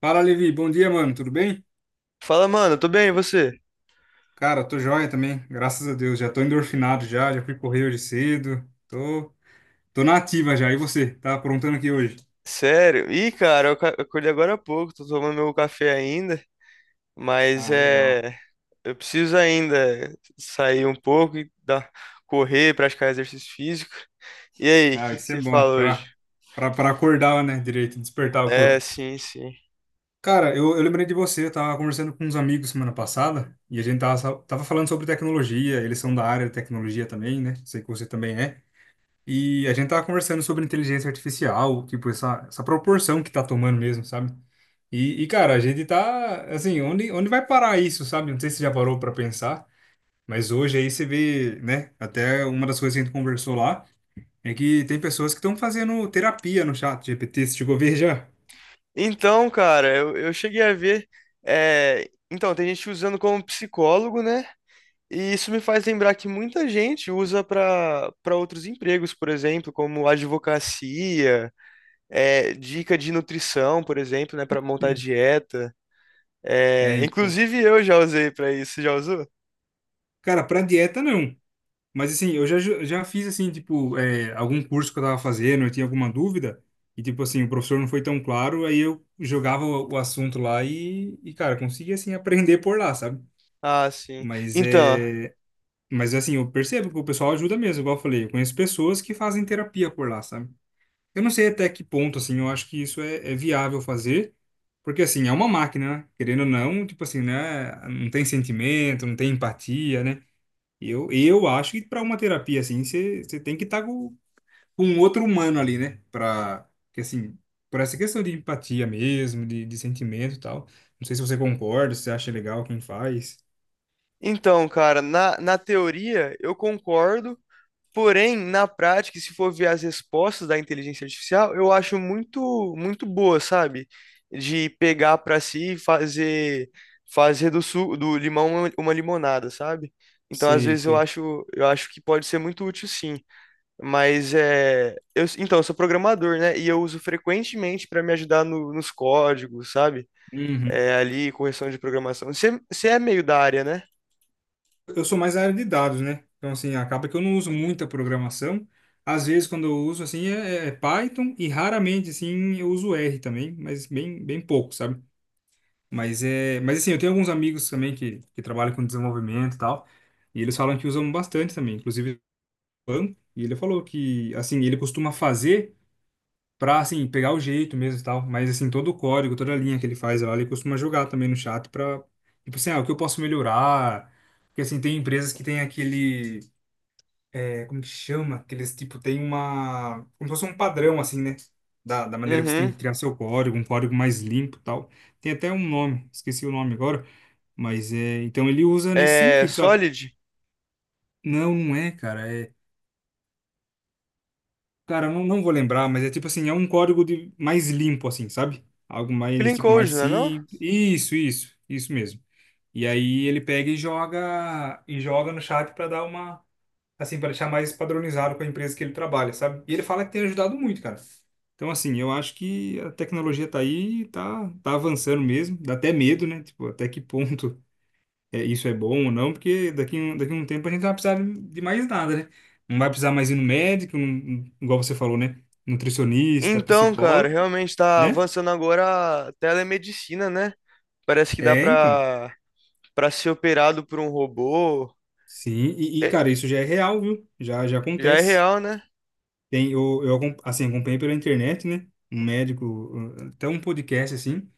Fala, Levi. Bom dia, mano. Tudo bem? Fala, mano, tô bem, e você? Cara, tô joia também. Graças a Deus. Já tô endorfinado já. Já fui correr hoje cedo. Tô na ativa já. E você? Tá aprontando aqui hoje? Sério? Ih, cara, eu acordei agora há pouco, tô tomando meu café ainda, mas Ah, legal. é. Eu preciso ainda sair um pouco e correr, praticar exercício físico. E aí, o Ah, que que isso é você bom fala hoje? pra acordar, né? Direito, despertar o É, corpo. sim, sim. Cara, eu lembrei de você. Eu tava conversando com uns amigos semana passada e a gente tava falando sobre tecnologia. Eles são da área de tecnologia também, né? Sei que você também é. E a gente tava conversando sobre inteligência artificial, tipo, essa proporção que tá tomando mesmo, sabe? E, cara, a gente tá, assim, onde vai parar isso, sabe? Não sei se você já parou pra pensar, mas hoje aí você vê, né? Até uma das coisas que a gente conversou lá é que tem pessoas que estão fazendo terapia no chat GPT, você chegou a ver já? Então, cara, eu cheguei a ver. Então, tem gente usando como psicólogo, né? E isso me faz lembrar que muita gente usa para outros empregos, por exemplo, como advocacia. É, dica de nutrição, por exemplo, né, para montar dieta. É, É, então. inclusive eu já usei para isso. Você já usou? Cara, pra dieta não. Mas assim, eu já fiz assim, tipo, algum curso que eu tava fazendo, eu tinha alguma dúvida, e tipo assim, o professor não foi tão claro, aí eu jogava o assunto lá e, cara, conseguia assim aprender por lá, sabe? Ah, sim. Mas Então, é. Mas assim, eu percebo que o pessoal ajuda mesmo, igual eu falei, eu conheço pessoas que fazem terapia por lá, sabe? Eu não sei até que ponto, assim, eu acho que isso é viável fazer, porque assim, é uma máquina, né? Querendo ou não, tipo assim, né? Não tem sentimento, não tem empatia, né? Eu acho que para uma terapia assim, você tem que estar com um outro humano ali, né? Para que assim, por essa questão de empatia mesmo, de sentimento e tal. Não sei se você concorda, se você acha legal quem faz. então, cara, na teoria eu concordo, porém, na prática, se for ver as respostas da inteligência artificial, eu acho muito boa, sabe? De pegar para si e fazer do limão uma limonada, sabe? Então, às Sei, vezes sei. Eu acho que pode ser muito útil, sim. Mas é. Eu, então, eu sou programador, né? E eu uso frequentemente para me ajudar nos códigos, sabe? Uhum. É, ali, correção de programação. Você é meio da área, né? Eu sou mais da área de dados, né? Então, assim, acaba que eu não uso muita programação. Às vezes, quando eu uso, assim, é Python e raramente, assim, eu uso R também, mas bem, bem pouco, sabe? Mas é, mas assim, eu tenho alguns amigos também que trabalham com desenvolvimento e tal, e eles falam que usam bastante também, inclusive, e ele falou que assim, ele costuma fazer pra assim pegar o jeito mesmo e tal, mas assim, todo o código, toda a linha que ele faz lá, ele costuma jogar também no chat pra, tipo assim, ah, o que eu posso melhorar? Porque assim, tem empresas que tem aquele como que chama? Que eles, tipo, como se fosse um padrão, assim, né? Da maneira que você tem Uhum. que criar seu código, um código mais limpo e tal. Tem até um nome, esqueci o nome agora. Mas é. Então ele usa nesse É sentido, sabe? Solid? Não, não é, cara. É. Cara, eu não vou lembrar, mas é tipo assim, é um código de mais limpo, assim, sabe? Algo mais, Clean tipo, mais Code, não é não? simples. Isso, isso. Isso mesmo. E aí ele pega e joga no chat para dar uma assim, para deixar mais padronizado com a empresa que ele trabalha, sabe? E ele fala que tem ajudado muito, cara. Então, assim, eu acho que a tecnologia tá aí, tá avançando mesmo. Dá até medo, né? Tipo, até que ponto isso é bom ou não, porque daqui, daqui a um tempo a gente não vai precisar de mais nada, né? Não vai precisar mais ir no médico, igual você falou, né? Nutricionista, Então, cara, psicólogo, realmente tá né? avançando agora a telemedicina, né? Parece que dá É, então. Pra ser operado por um robô. Sim, e, É, cara, isso já é real, viu? Já, já já é acontece. real, né? Tem, eu acom- Assim, acompanhei pela internet, né? Um médico, até um podcast, assim,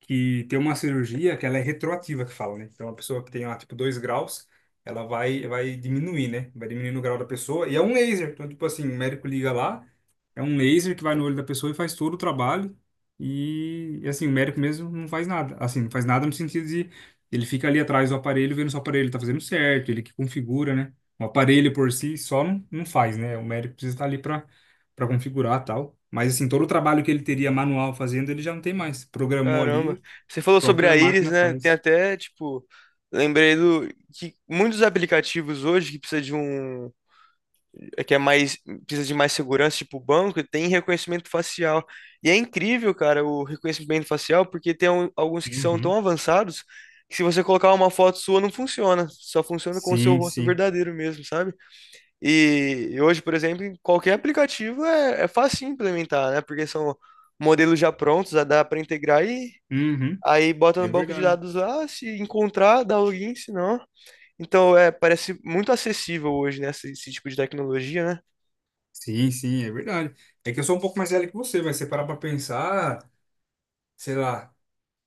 que tem uma cirurgia que ela é retroativa, que fala, né? Então, a pessoa que tem lá, tipo, 2 graus, ela vai diminuir, né? Vai diminuindo o grau da pessoa. E é um laser. Então, tipo assim, o médico liga lá, é um laser que vai no olho da pessoa e faz todo o trabalho. E, assim, o médico mesmo não faz nada. Assim, não faz nada no sentido de ele fica ali atrás do aparelho, vendo se o aparelho tá fazendo certo, ele que configura, né? O aparelho por si só não faz, né? O médico precisa estar ali para configurar tal. Mas, assim, todo o trabalho que ele teria manual fazendo, ele já não tem mais. Programou ali, Caramba. Você falou a sobre própria a Iris, máquina né? Tem faz. até, tipo, lembrei do que muitos aplicativos hoje que precisa de um, é que é mais, precisa de mais segurança, tipo o banco, tem reconhecimento facial. E é incrível, cara, o reconhecimento facial, porque alguns que são tão Uhum. avançados que se você colocar uma foto sua não funciona, só funciona com o seu Sim, rosto sim. verdadeiro mesmo, sabe? E hoje, por exemplo, em qualquer aplicativo é fácil implementar, né? Porque são modelos já prontos, dá para integrar e Uhum. aí bota É no banco de verdade. dados lá, se encontrar, dá login, se não. Então, é, parece muito acessível hoje, né, esse tipo de tecnologia, né? Sim, sim, é verdade. É que eu sou um pouco mais velho que você, vai separar para pensar, sei lá.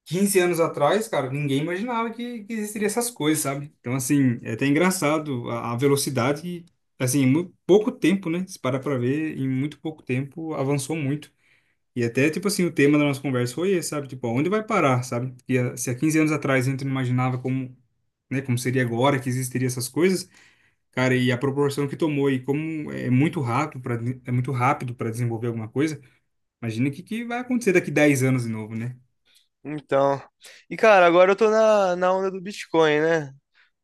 15 anos atrás, cara, ninguém imaginava que existiria essas coisas, sabe? Então, assim, é até engraçado a velocidade, que, assim, em muito pouco tempo, né? Se parar pra ver, em muito pouco tempo avançou muito. E até, tipo assim, o tema da nossa conversa foi esse, sabe? Tipo, onde vai parar, sabe? Porque se há 15 anos atrás a gente não imaginava como, né, como seria agora que existiria essas coisas, cara, e a proporção que tomou e como é muito rápido para desenvolver alguma coisa, imagina o que, que vai acontecer daqui 10 anos de novo, né? Então. E, cara, agora eu tô na onda do Bitcoin, né?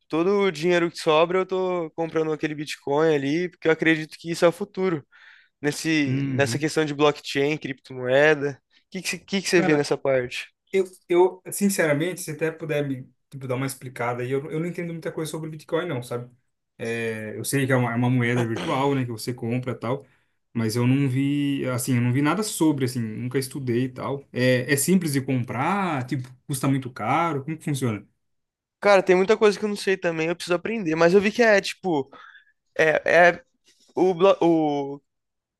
Todo o dinheiro que sobra, eu tô comprando aquele Bitcoin ali, porque eu acredito que isso é o futuro. Nessa Uhum. questão de blockchain, criptomoeda. O que que você vê Cara, nessa parte? eu, sinceramente, se até puder me tipo, dar uma explicada aí, eu não entendo muita coisa sobre Bitcoin, não, sabe? É, eu sei que é uma moeda virtual, né, que você compra e tal, mas eu não vi, assim, eu não vi nada sobre, assim, nunca estudei e tal. É simples de comprar, tipo, custa muito caro, como que funciona? Cara, tem muita coisa que eu não sei também, eu preciso aprender, mas eu vi que é tipo, é o, blo-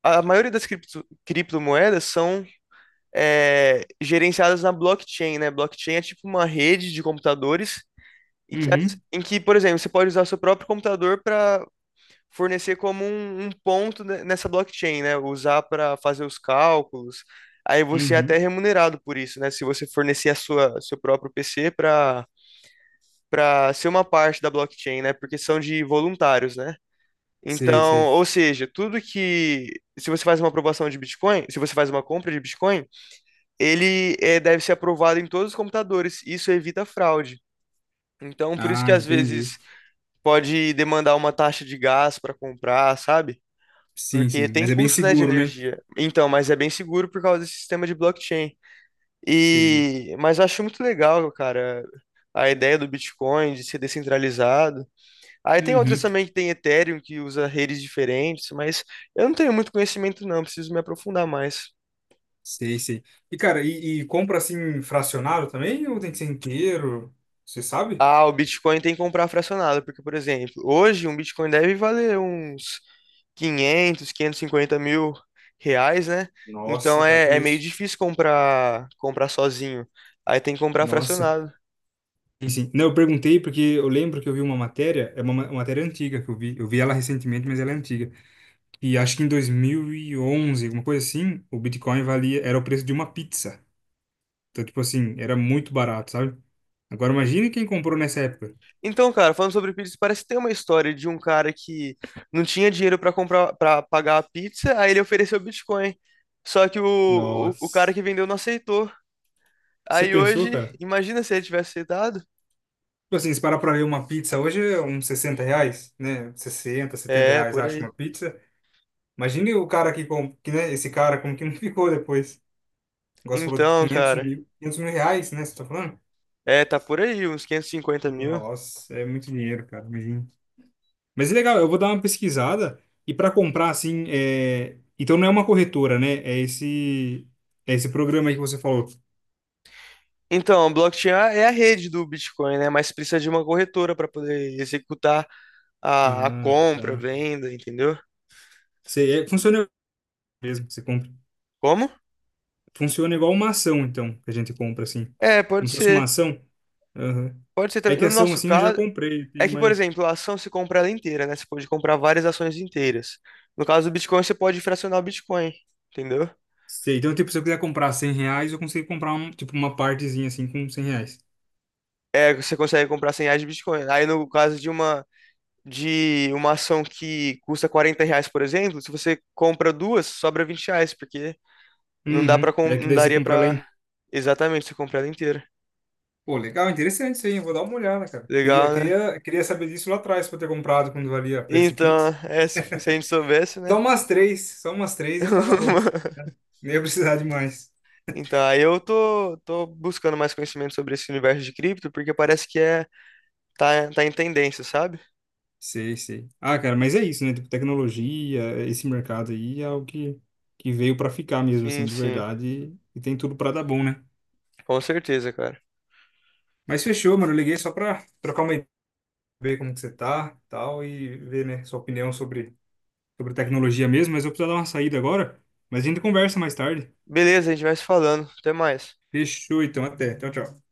a maioria das criptomoedas são gerenciadas na blockchain, né? Blockchain é tipo uma rede de computadores em Uhum, em que, por exemplo, você pode usar seu próprio computador para fornecer como um ponto nessa blockchain, né? Usar para fazer os cálculos. Aí você é até uhum. remunerado por isso, né? Se você fornecer a sua seu próprio PC para ser uma parte da blockchain, né? Porque são de voluntários, né? Sei, Então, sei. ou seja, tudo que. Se você faz uma aprovação de Bitcoin, se você faz uma compra de Bitcoin, ele deve ser aprovado em todos os computadores. Isso evita fraude. Então, por isso Ah, que às entendi. vezes pode demandar uma taxa de gás para comprar, sabe? Sim, Porque sim, tem mas é bem custo, né, de seguro, né? energia. Então, mas é bem seguro por causa desse sistema de blockchain. Sei. E, mas eu acho muito legal, cara, a ideia do Bitcoin de ser descentralizado. Aí tem outras Uhum, também que tem Ethereum, que usa redes diferentes, mas eu não tenho muito conhecimento não, preciso me aprofundar mais. sei, sei. E, cara, e compra, assim, fracionado também, ou tem que ser inteiro? Você sabe? Ah, o Bitcoin tem que comprar fracionado, porque, por exemplo, hoje um Bitcoin deve valer uns 550.000 reais, né? Então Nossa, cara, tudo é meio isso. difícil comprar sozinho. Aí tem que comprar Nossa. fracionado. Sim, sim. Não, eu perguntei porque eu lembro que eu vi uma matéria, é uma, ma- uma matéria antiga que eu vi. Eu vi ela recentemente, mas ela é antiga. E acho que em 2011 alguma coisa assim, o Bitcoin valia, era o preço de uma pizza. Então, tipo assim, era muito barato, sabe? Agora imagine quem comprou nessa época. Então, cara, falando sobre pizza, parece que tem uma história de um cara que não tinha dinheiro pra comprar, para pagar a pizza, aí ele ofereceu Bitcoin. Só que o cara Nossa. que vendeu não aceitou. Você Aí pensou, hoje, cara? imagina se ele tivesse aceitado. Tipo assim, se parar pra ver uma pizza hoje é uns R$ 60, né? sessenta setenta É, reais, por acho, aí. uma pizza. Imagine o cara que, que né? Esse cara, como que não ficou depois? Agora você falou de Então, 500 cara, mil, 500 mil reais, né? Você tá falando? é, tá por aí, uns 550.000. Nossa, é muito dinheiro, cara, imagina. Mas é legal, eu vou dar uma pesquisada e para comprar, assim, então não é uma corretora, né? É esse programa aí que você falou. Então, a blockchain é a rede do Bitcoin, né? Mas precisa de uma corretora pra poder executar a Ah, compra, a tá. venda, entendeu? Você, funciona mesmo, você compra. Como? Funciona igual uma ação, então, que a gente compra, assim. É, pode Como se fosse uma ser. ação. Aham. Pode ser É também. que No ação, nosso assim, eu já caso, comprei, é tenho que, por mais... exemplo, a ação se compra ela inteira, né? Você pode comprar várias ações inteiras. No caso do Bitcoin, você pode fracionar o Bitcoin, entendeu? Sei. Então, tipo, se eu quiser comprar R$ 100, eu consigo comprar, um, tipo, uma partezinha, assim, com R$ 100. É, você consegue comprar 100 reais de Bitcoin. Aí, no caso de uma ação que custa 40 reais, por exemplo, se você compra duas, sobra 20 reais, porque Uhum. É que não daí você daria compra lá para em. exatamente você comprar ela inteira. Pô, legal, interessante isso aí, eu vou dar uma olhada, cara. Queria, Legal, né? queria, queria saber disso lá atrás, pra eu ter comprado quando valia a preço de Então, pizza. é, se a gente soubesse, né? Só umas três já tava bom. né? Nem ia precisar de mais. Então, aí eu tô, tô buscando mais conhecimento sobre esse universo de cripto, porque parece que é tá, tá em tendência, sabe? Sei, sei. Ah, cara, mas é isso, né? Tipo, tecnologia, esse mercado aí é o que, que veio pra ficar mesmo, Sim, assim, de sim. verdade. E tem tudo pra dar bom, né? Com certeza, cara. Mas fechou, mano, eu liguei só pra trocar uma ideia, ver como que você tá, tal, e ver, né, sua opinião sobre tecnologia mesmo, mas eu preciso dar uma saída agora. Mas a gente conversa mais tarde. Beleza, a gente vai se falando. Até mais. Fechou, então, até. Tchau, tchau.